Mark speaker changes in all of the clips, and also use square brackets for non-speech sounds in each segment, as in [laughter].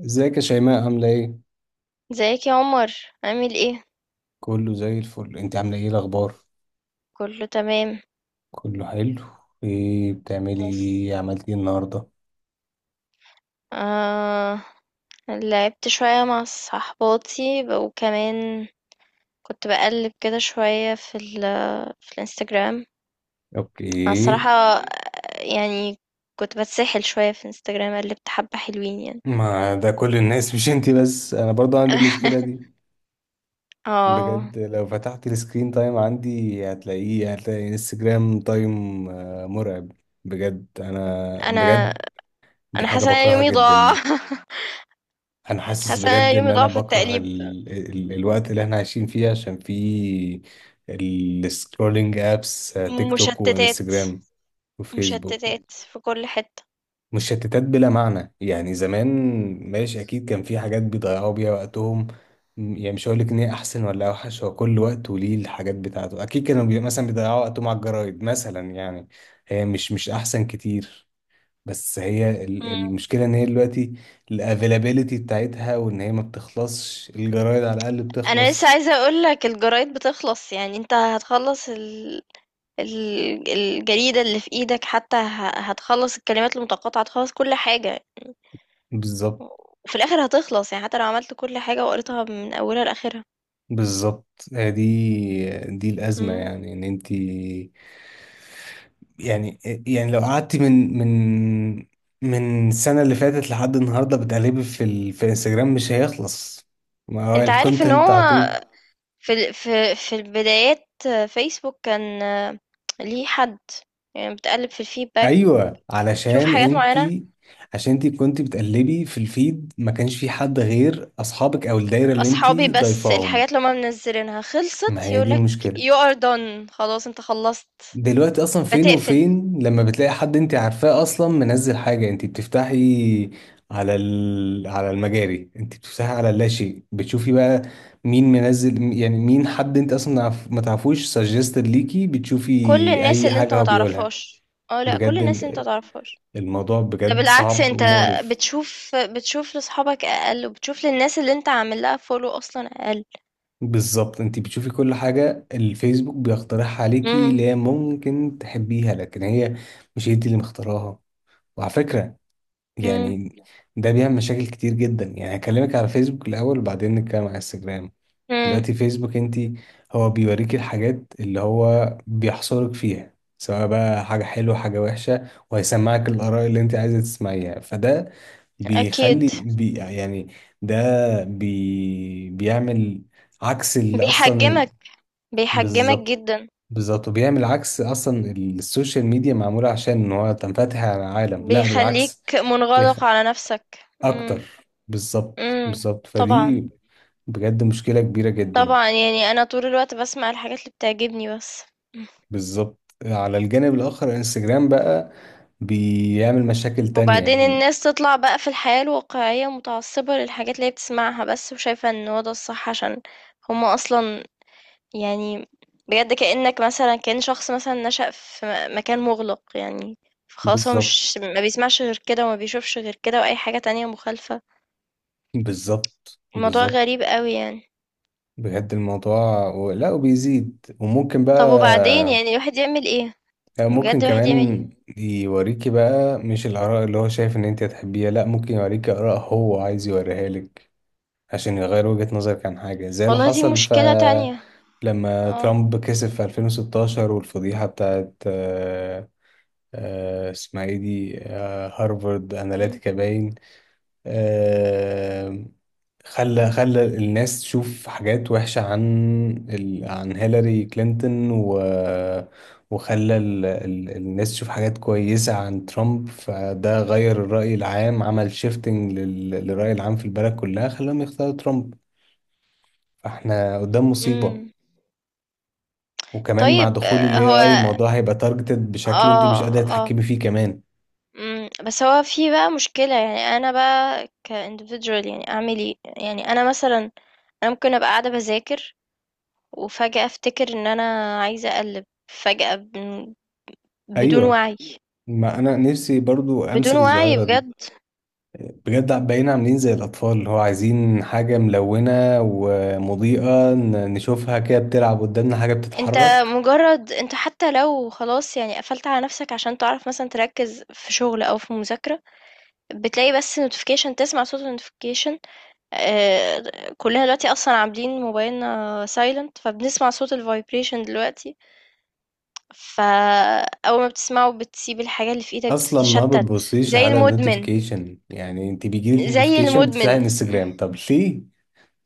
Speaker 1: ازيك يا شيماء؟ عاملة ايه؟
Speaker 2: ازيك يا عمر؟ عامل ايه؟
Speaker 1: كله زي الفل، انت عاملة ايه؟ الأخبار؟
Speaker 2: كله تمام.
Speaker 1: كله حلو. ايه بتعملي
Speaker 2: بس
Speaker 1: ايه عملتي ايه النهاردة؟
Speaker 2: آه لعبت شوية مع صحباتي وكمان كنت بقلب كده شوية في الانستجرام. انا
Speaker 1: اوكي.
Speaker 2: الصراحة يعني كنت بتسحل شوية في الانستجرام، قلبت حبة حلوين يعني.
Speaker 1: ما ده كل الناس، مش انت بس، انا برضه عندي المشكلة دي.
Speaker 2: [laughs] اه،
Speaker 1: بجد لو فتحت السكرين تايم عندي، هتلاقيه، هتلاقي انستجرام تايم مرعب. بجد، انا
Speaker 2: انا
Speaker 1: بجد، دي
Speaker 2: انا
Speaker 1: حاجة
Speaker 2: حاسة ان أنا
Speaker 1: بكرهها
Speaker 2: يومي ضاع.
Speaker 1: جدا.
Speaker 2: [laughs]
Speaker 1: انا حاسس
Speaker 2: حاسة ان أنا
Speaker 1: بجد ان
Speaker 2: يومي
Speaker 1: انا
Speaker 2: ضاع في
Speaker 1: بكره
Speaker 2: التقليب.
Speaker 1: الوقت اللي احنا عايشين فيه، عشان فيه السكرولينج، ابس تيك توك
Speaker 2: مشتتات،
Speaker 1: وانستجرام وفيسبوك
Speaker 2: مشتتات في كل حتة.
Speaker 1: مشتتات بلا معنى. يعني زمان، ماشي، اكيد كان في حاجات بيضيعوا بيها وقتهم. يعني مش هقول لك ان هي احسن ولا اوحش، هو كل وقت وليه الحاجات بتاعته، اكيد كانوا مثلا بيضيعوا وقتهم على الجرايد مثلا، يعني هي مش احسن كتير. بس هي المشكلة ان هي دلوقتي الافيلابيلتي بتاعتها، وان هي ما بتخلصش، الجرايد على الاقل
Speaker 2: انا لسه
Speaker 1: بتخلص.
Speaker 2: عايزه اقول لك الجرايد بتخلص، يعني انت هتخلص الجريده اللي في ايدك، حتى هتخلص الكلمات المتقاطعه، هتخلص كل حاجه.
Speaker 1: بالظبط،
Speaker 2: وفي الاخر هتخلص، يعني حتى لو عملت كل حاجه وقريتها من اولها لاخرها.
Speaker 1: بالظبط. آه، دي دي الازمة،
Speaker 2: مم.
Speaker 1: يعني ان انت، يعني يعني لو قعدتي من السنة اللي فاتت لحد النهاردة بتقلبي في انستجرام، مش هيخلص، ما هو
Speaker 2: انت عارف ان
Speaker 1: الكونتنت
Speaker 2: هو
Speaker 1: على طول.
Speaker 2: في ال... في في البدايات فيسبوك كان ليه حد، يعني بتقلب في الفيدباك،
Speaker 1: ايوه
Speaker 2: شوف
Speaker 1: علشان
Speaker 2: حاجات معينة.
Speaker 1: انتي، عشان انتي كنتي بتقلبي في الفيد، ما كانش في حد غير اصحابك او الدايره اللي
Speaker 2: أصحابي
Speaker 1: انتي
Speaker 2: بس
Speaker 1: ضايفاهم.
Speaker 2: الحاجات اللي هما منزلينها
Speaker 1: ما
Speaker 2: خلصت،
Speaker 1: هي دي
Speaker 2: يقولك
Speaker 1: المشكله.
Speaker 2: you are done، خلاص انت خلصت،
Speaker 1: دلوقتي اصلا فين
Speaker 2: فتقفل.
Speaker 1: وفين لما بتلاقي حد انتي عارفاه اصلا منزل حاجه، انتي بتفتحي على على المجاري، انتي بتفتحي على اللاشيء، بتشوفي بقى مين منزل، يعني مين؟ حد انت اصلا ما تعرفوش، سجستد ليكي، بتشوفي
Speaker 2: كل الناس
Speaker 1: اي
Speaker 2: اللي أنت
Speaker 1: حاجه
Speaker 2: ما
Speaker 1: هو بيقولها.
Speaker 2: تعرفهاش. آه لأ، كل
Speaker 1: بجد
Speaker 2: الناس اللي أنت ما تعرفهاش.
Speaker 1: الموضوع
Speaker 2: ده
Speaker 1: بجد
Speaker 2: بالعكس،
Speaker 1: صعب
Speaker 2: أنت
Speaker 1: ومقرف.
Speaker 2: بتشوف لصحابك أقل، وبتشوف للناس اللي أنت عامل لها follow أصلًا أقل.
Speaker 1: بالظبط، انت بتشوفي كل حاجة الفيسبوك بيقترحها عليكي، اللي
Speaker 2: إمم.
Speaker 1: هي ممكن تحبيها، لكن هي مش انت اللي مختاراها. وعلى فكرة،
Speaker 2: إمم.
Speaker 1: يعني ده بيعمل مشاكل كتير جدا، يعني هكلمك على فيسبوك الأول وبعدين نتكلم على انستجرام.
Speaker 2: إمم.
Speaker 1: دلوقتي فيسبوك انت، هو بيوريكي الحاجات اللي هو بيحصرك فيها، سواء بقى حاجة حلوة حاجة وحشة، وهيسمعك الآراء اللي انت عايزة تسمعيها، فده بيخلي
Speaker 2: أكيد.
Speaker 1: بي يعني، ده بي بيعمل عكس اللي اصلا.
Speaker 2: بيحجمك، بيحجمك
Speaker 1: بالظبط،
Speaker 2: جدًا،
Speaker 1: بالظبط، وبيعمل عكس اصلا، السوشيال ميديا معموله عشان ان هو تنفتح على العالم، لا
Speaker 2: بيخلّيك
Speaker 1: بالعكس. بيخ...
Speaker 2: منغلق على نفسك.
Speaker 1: اكتر،
Speaker 2: إمم.
Speaker 1: بالظبط،
Speaker 2: إمم.
Speaker 1: بالظبط،
Speaker 2: طبعًا،
Speaker 1: فدي بجد مشكله كبيره جدا.
Speaker 2: طبعًا، يعني أنا طول الوقت باسمع الحاجات اللي بتعجبني بس.
Speaker 1: بالظبط. على الجانب الاخر، انستجرام بقى بيعمل مشاكل تانية
Speaker 2: وبعدين
Speaker 1: يعني.
Speaker 2: الناس تطلع بقى في الحياة الواقعية متعصبة للحاجات اللي هي بتسمعها بس، وشايفة ان هو ده الصح، عشان هما اصلا يعني بجد كأنك مثلا، كأن شخص مثلا نشأ في مكان مغلق، يعني فخلاص هو
Speaker 1: بالظبط،
Speaker 2: مش ما بيسمعش غير كده وما بيشوفش غير كده، واي حاجة تانية مخالفة.
Speaker 1: بالظبط،
Speaker 2: الموضوع
Speaker 1: بالظبط.
Speaker 2: غريب قوي يعني.
Speaker 1: بجد الموضوع لا وبيزيد، وممكن
Speaker 2: طب وبعدين
Speaker 1: بقى،
Speaker 2: يعني الواحد يعمل ايه؟
Speaker 1: ممكن
Speaker 2: بجد الواحد يعمل ايه؟
Speaker 1: كمان يوريكي بقى مش الآراء اللي هو شايف إن أنت هتحبيها، لأ، ممكن يوريكي آراء هو عايز يوريها لك، عشان يغير وجهة نظرك عن حاجة، زي اللي
Speaker 2: والله دي
Speaker 1: حصل ف
Speaker 2: مشكلة تانية.
Speaker 1: لما
Speaker 2: اه.
Speaker 1: ترامب كسب في 2016، والفضيحة بتاعت اسمها ايه دي، هارفارد أناليتيكا باين، آه، خلى الناس تشوف حاجات وحشة عن عن هيلاري كلينتون، وخلى الناس تشوف حاجات كويسة عن ترامب، فده غير الرأي العام، عمل شيفتنج للرأي العام في البلد كلها، خلاهم يختاروا ترامب، فاحنا قدام مصيبة.
Speaker 2: امم.
Speaker 1: وكمان مع
Speaker 2: طيب.
Speaker 1: دخول ال
Speaker 2: آه، هو
Speaker 1: AI، الموضوع هيبقى تارجتد بشكل انت مش
Speaker 2: اه
Speaker 1: قادرة
Speaker 2: آه.
Speaker 1: تتحكمي فيه كمان.
Speaker 2: بس هو في بقى مشكلة، يعني أنا بقى ك individual يعني أعمل إيه؟ يعني أنا مثلا، أنا ممكن أبقى قاعدة بذاكر وفجأة أفتكر إن أنا عايزة أقلب، فجأة بدون
Speaker 1: ايوه،
Speaker 2: وعي،
Speaker 1: ما انا نفسي برضو
Speaker 2: بدون
Speaker 1: امسك
Speaker 2: وعي
Speaker 1: الظاهرة دي.
Speaker 2: بجد.
Speaker 1: بجد بقينا عاملين زي الأطفال اللي هو عايزين حاجة ملونة ومضيئة، نشوفها كده بتلعب قدامنا، حاجة
Speaker 2: أنت
Speaker 1: بتتحرك.
Speaker 2: مجرد أنت، حتى لو خلاص يعني قفلت على نفسك عشان تعرف مثلا تركز في شغل أو في مذاكرة، بتلاقي بس notification، تسمع صوت notification. آه. كلنا دلوقتي أصلا عاملين موبايلنا silent، فبنسمع صوت الفايبريشن دلوقتي، فأول ما بتسمعه بتسيب الحاجة اللي في إيدك،
Speaker 1: أصلا ما
Speaker 2: بتتشتت.
Speaker 1: بتبصيش
Speaker 2: زي
Speaker 1: على
Speaker 2: المدمن،
Speaker 1: النوتيفيكيشن، يعني أنت بيجيلك
Speaker 2: زي
Speaker 1: نوتيفيكيشن بتفتحي
Speaker 2: المدمن.
Speaker 1: انستجرام؟ طب ليه؟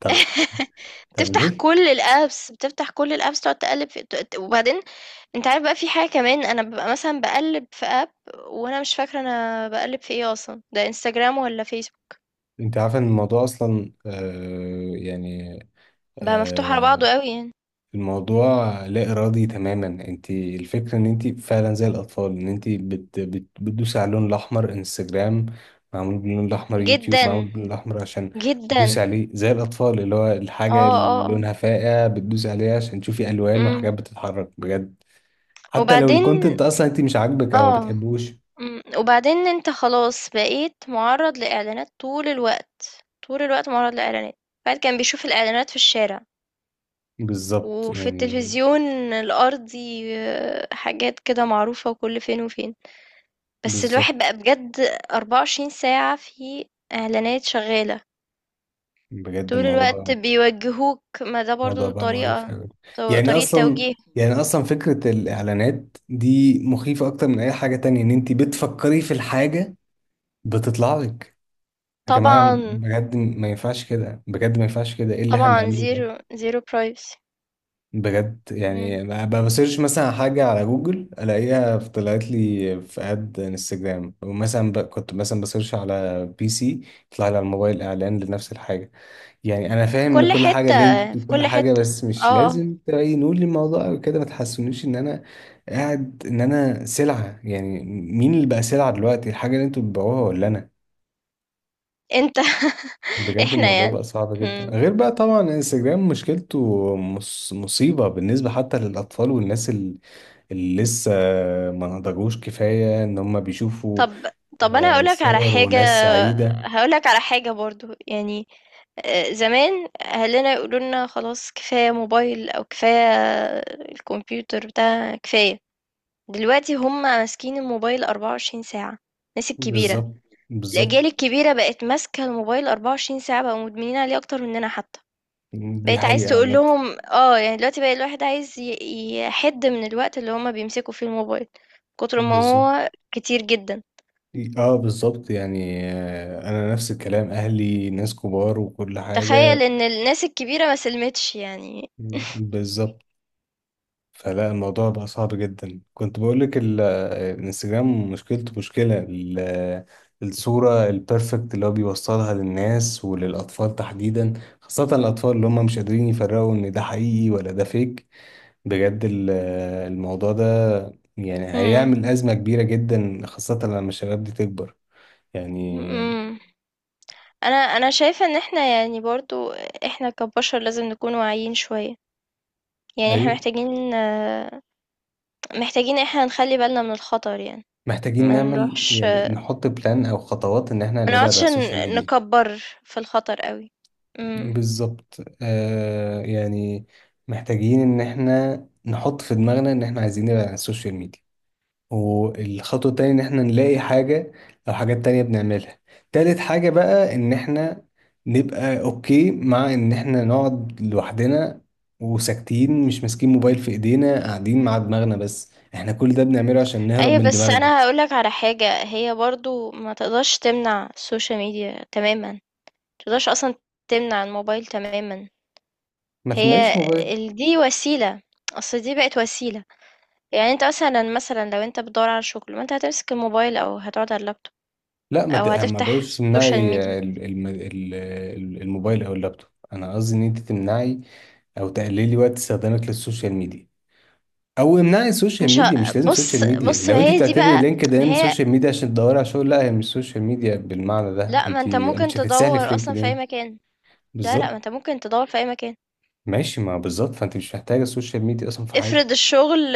Speaker 1: طب، طب،
Speaker 2: [laughs]
Speaker 1: طب
Speaker 2: بتفتح
Speaker 1: ليه؟
Speaker 2: كل الابس، بتفتح كل الابس، تقعد تقلب وبعدين. انت عارف بقى في حاجة كمان، انا ببقى مثلا بقلب في اب، وانا مش فاكرة انا بقلب في ايه اصلا، ده انستجرام ولا فيسبوك.
Speaker 1: أنت عارفة إن الموضوع أصلا، يعني،
Speaker 2: بقى مفتوح على
Speaker 1: آه،
Speaker 2: بعضه قوي يعني.
Speaker 1: الموضوع لا إرادي تماما. انت الفكرة ان انت فعلا زي الأطفال، ان انت بت بت بتدوسي على اللون الأحمر. انستجرام معمول باللون الأحمر، يوتيوب معمول
Speaker 2: جدا،
Speaker 1: باللون الأحمر، عشان بتدوسي
Speaker 2: جدا.
Speaker 1: عليه زي الأطفال، اللي هو
Speaker 2: اه
Speaker 1: الحاجة
Speaker 2: اه
Speaker 1: اللي
Speaker 2: اه.
Speaker 1: لونها فاقع بتدوسي عليها عشان تشوفي ألوان وحاجات
Speaker 2: امم.
Speaker 1: بتتحرك. بجد حتى لو
Speaker 2: وبعدين
Speaker 1: الكونتنت أصلا انت مش عاجبك أو ما
Speaker 2: اه
Speaker 1: بتحبوش.
Speaker 2: إمم، وبعدين أنت خلاص بقيت مُعرّض لإعلانات طول الوقت، طول الوقت مُعرّض لإعلانات. الواحد كان بيشوف الإعلانات في الشارع،
Speaker 1: بالظبط
Speaker 2: وفي
Speaker 1: يعني،
Speaker 2: التلفزيون الأرضي، آه، حاجات كده معروفة وكل فين وفين، بس
Speaker 1: بالظبط.
Speaker 2: الواحد بقى بجد 24 ساعة في إعلانات شغّالة،
Speaker 1: بجد
Speaker 2: طول الوقت
Speaker 1: الموضوع،
Speaker 2: بيوجّهوك. ما ده
Speaker 1: الموضوع
Speaker 2: برضه
Speaker 1: بقى مقرف
Speaker 2: طريقة،
Speaker 1: أوي. يعني
Speaker 2: طريقة
Speaker 1: أصلا،
Speaker 2: توجيه.
Speaker 1: يعني أصلا فكرة الإعلانات دي مخيفة أكتر من أي حاجة تانية، إن أنت بتفكري في الحاجة بتطلع لك. يا جماعة
Speaker 2: طبعًا،
Speaker 1: بجد ما ينفعش كده، بجد ما ينفعش كده، إيه اللي إحنا
Speaker 2: طبعًا
Speaker 1: بنعمله ده؟
Speaker 2: zero zero privacy.
Speaker 1: بجد
Speaker 2: إمم.
Speaker 1: يعني، بسيرش مثلا حاجة على جوجل، ألاقيها طلعت لي في أد انستجرام، ومثلا كنت مثلا بسيرش على بي سي، يطلع لي على الموبايل إعلان لنفس الحاجة. يعني انا
Speaker 2: في
Speaker 1: فاهم ان
Speaker 2: كل
Speaker 1: كل حاجه
Speaker 2: حتة،
Speaker 1: لينكد
Speaker 2: في
Speaker 1: وكل
Speaker 2: كل
Speaker 1: حاجه،
Speaker 2: حتة.
Speaker 1: بس مش
Speaker 2: آه، آه.
Speaker 1: لازم تبينوا لي الموضوع أوي كده، ما تحسونيش ان انا قاعد، ان انا سلعه. يعني مين اللي بقى سلعه دلوقتي؟ الحاجه اللي انتوا بتبيعوها ولا انا؟
Speaker 2: انت. [laughs]
Speaker 1: بجد
Speaker 2: احنا
Speaker 1: الموضوع
Speaker 2: يعني.
Speaker 1: بقى صعب جدا،
Speaker 2: مم.
Speaker 1: غير بقى طبعا انستجرام مشكلته، مصيبه بالنسبه حتى للاطفال والناس اللي لسه ما نضجوش كفايه، ان هم بيشوفوا
Speaker 2: طب، طب انا هقولك على
Speaker 1: صور
Speaker 2: حاجة،
Speaker 1: وناس سعيده.
Speaker 2: هقولك على حاجة برضو يعني. آه، زمان اهلنا يقولوا لنا خلاص كفاية موبايل، او كفاية الكمبيوتر بتاع كفاية. دلوقتي هم ماسكين الموبايل 24 ساعة، الناس الكبيرة،
Speaker 1: بالظبط، بالظبط.
Speaker 2: الاجيال الكبيرة بقت ماسكة الموبايل 24 ساعة، بقوا مدمنين عليه اكتر مننا حتى.
Speaker 1: دي
Speaker 2: بقيت عايز
Speaker 1: حقيقه
Speaker 2: تقول
Speaker 1: عامه.
Speaker 2: لهم اه، يعني دلوقتي بقى الواحد عايز يحد من الوقت اللي هما بيمسكوا فيه الموبايل، كتر ما
Speaker 1: بالظبط.
Speaker 2: هو كتير جدا.
Speaker 1: اه، بالظبط يعني، انا نفس الكلام، اهلي ناس كبار وكل
Speaker 2: تخيل
Speaker 1: حاجة.
Speaker 2: ان الناس الكبيرة ما سلمتش يعني.
Speaker 1: بالظبط. فلا، الموضوع بقى صعب جدا. كنت بقولك الانستجرام مشكلته، مشكلة الصورة البيرفكت اللي هو بيوصلها للناس وللأطفال تحديدا، خاصة الأطفال اللي هم مش قادرين يفرقوا إن ده حقيقي ولا ده فيك. بجد الموضوع ده يعني
Speaker 2: امم.
Speaker 1: هيعمل أزمة كبيرة جدا، خاصة لما الشباب دي تكبر. يعني،
Speaker 2: امم. انا شايفة ان احنا يعني برضو احنا كبشر لازم نكون واعيين شوية، يعني احنا
Speaker 1: أيوة.
Speaker 2: محتاجين آه، محتاجين احنا نخلي بالنا من الخطر يعني،
Speaker 1: محتاجين
Speaker 2: ما
Speaker 1: نعمل،
Speaker 2: نروحش،
Speaker 1: يعني نحط بلان او خطوات، ان احنا
Speaker 2: ما
Speaker 1: نبعد عن
Speaker 2: نقعدش
Speaker 1: السوشيال ميديا.
Speaker 2: نكبر في الخطر قوي. امم.
Speaker 1: بالظبط آه يعني، محتاجين ان احنا نحط في دماغنا ان احنا عايزين نبعد عن السوشيال ميديا، والخطوة التانية ان احنا نلاقي حاجة او حاجات تانية بنعملها، تالت حاجة بقى ان احنا نبقى اوكي مع ان احنا نقعد لوحدنا وساكتين، مش ماسكين موبايل في ايدينا، قاعدين مع دماغنا بس، احنا كل ده بنعمله عشان نهرب
Speaker 2: ايوه،
Speaker 1: من
Speaker 2: بس
Speaker 1: دماغنا.
Speaker 2: انا هقولك على حاجة، هي برضو ما تقدرش تمنع السوشيال ميديا تماما، ما تقدرش اصلا تمنع الموبايل تماما.
Speaker 1: ما
Speaker 2: هي
Speaker 1: تمنعيش موبايل،
Speaker 2: دي وسيلة، اصل دي بقت وسيلة، يعني انت مثلا، لو انت بتدور على شغل ما انت هتمسك الموبايل او هتقعد على اللابتوب،
Speaker 1: لا
Speaker 2: او
Speaker 1: ما
Speaker 2: هتفتح
Speaker 1: بقولش
Speaker 2: السوشيال
Speaker 1: تمنعي
Speaker 2: ميديا.
Speaker 1: الموبايل او اللابتوب، انا قصدي ان انت تمنعي او تقللي وقت استخدامك للسوشيال ميديا، او امنعي السوشيال
Speaker 2: مش
Speaker 1: ميديا.
Speaker 2: ه...
Speaker 1: مش لازم سوشيال
Speaker 2: بص،
Speaker 1: ميديا،
Speaker 2: بص، ما
Speaker 1: لو انت
Speaker 2: هي دي
Speaker 1: بتعتبري
Speaker 2: بقى،
Speaker 1: لينكد
Speaker 2: ما
Speaker 1: ان
Speaker 2: هي،
Speaker 1: سوشيال ميديا عشان تدوري على شغل، لا هي مش سوشيال ميديا بالمعنى ده،
Speaker 2: لا ما
Speaker 1: انت
Speaker 2: انت ممكن
Speaker 1: مش هتتسهلي في
Speaker 2: تدور اصلا
Speaker 1: لينكد
Speaker 2: في اي
Speaker 1: ان.
Speaker 2: مكان، لا لا، ما
Speaker 1: بالظبط،
Speaker 2: انت ممكن تدور في اي مكان.
Speaker 1: ماشي ما بالظبط، فانت مش محتاجه السوشيال ميديا اصلا في حاجه.
Speaker 2: افرض الشغل،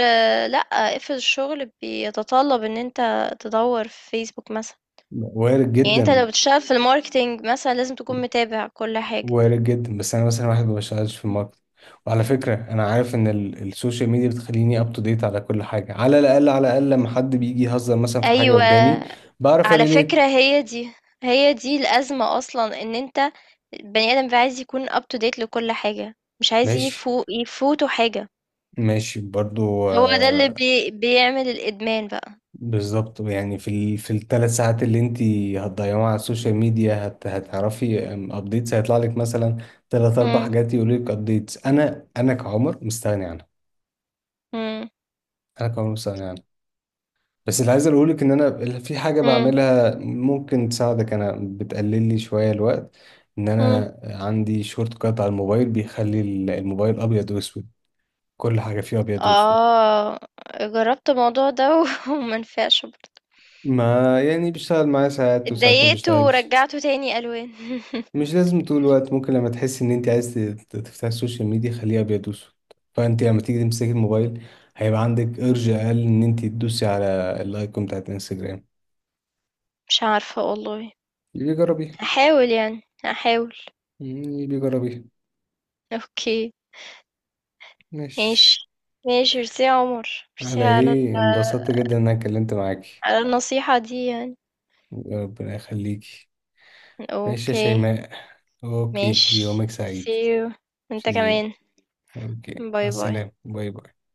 Speaker 2: لأ، افرض الشغل بيتطلب إن أنت تدوّر في فيسبوك مثلًا،
Speaker 1: وارد
Speaker 2: يعني أنت
Speaker 1: جدا.
Speaker 2: لو بتشتغل في الmarketing مثلًا لازم تكون متابع كل حاجة.
Speaker 1: وارد جدا، بس انا مثلا واحد ما بشتغلش في
Speaker 2: إمم.
Speaker 1: الماركت، وعلى فكره انا عارف ان السوشيال ميديا بتخليني اب تو ديت على كل حاجه، على الاقل، على الاقل لما حد بيجي يهزر مثلا في حاجه قدامي
Speaker 2: أيوه،
Speaker 1: بعرف
Speaker 2: على
Speaker 1: اريليت.
Speaker 2: فكرة هي دي، هي دي الأزمة أصلًا، إن أنت البني آدم بيبقى عايز يكون up to date لكل حاجة، مش عايز
Speaker 1: ماشي،
Speaker 2: يفوته حاجة،
Speaker 1: ماشي برضو،
Speaker 2: هو ده اللي بيعمل الإدمان بقى.
Speaker 1: بالظبط يعني، في في الثلاث ساعات اللي انت هتضيعوها على السوشيال ميديا، هتعرفي ابديتس، هيطلع لك مثلا ثلاث اربع
Speaker 2: إمم.
Speaker 1: حاجات، يقول لك ابديتس، انا كعمر مستغني عنها،
Speaker 2: إمم.
Speaker 1: انا كعمر مستغني عنها. بس اللي عايز اقولك ان انا في حاجه
Speaker 2: إمم.
Speaker 1: بعملها ممكن تساعدك، انا بتقلل لي شويه الوقت، ان
Speaker 2: إمم.
Speaker 1: انا عندي شورت كات على الموبايل بيخلي الموبايل ابيض واسود، كل حاجه فيه ابيض واسود.
Speaker 2: آه، جرّبت الموضوع ده وما نفعش. [laughs] برضه
Speaker 1: ما يعني بيشتغل معايا ساعات وساعات ما
Speaker 2: اتضايقت
Speaker 1: بيشتغلش،
Speaker 2: ورجعته تاني ألوان. [laughs]
Speaker 1: مش لازم طول الوقت، ممكن لما تحس ان انت عايز تفتح السوشيال ميديا خليه ابيض واسود، فانت لما تيجي تمسكي الموبايل هيبقى عندك ارج اقل ان انت تدوسي على الايكون بتاعت الانستجرام.
Speaker 2: مش عارفة والله.
Speaker 1: يبقى جربيها،
Speaker 2: هاحاول، يعني هاحاول.
Speaker 1: يبقى جربيها.
Speaker 2: أوكي. ماشي.
Speaker 1: ماشي،
Speaker 2: ماشي، ميرسي يا عمر، ميرسي
Speaker 1: على
Speaker 2: على
Speaker 1: ايه، انبسطت جدا ان انا اتكلمت معاكي.
Speaker 2: على النصيحة دي يعني.
Speaker 1: ربنا يخليكي. ماشي يا
Speaker 2: أوكي.
Speaker 1: شيماء، اوكي،
Speaker 2: ماشي.
Speaker 1: يومك سعيد.
Speaker 2: see you.
Speaker 1: See
Speaker 2: انت
Speaker 1: you.
Speaker 2: كمان.
Speaker 1: اوكي، مع
Speaker 2: باي باي.
Speaker 1: السلامة، باي باي.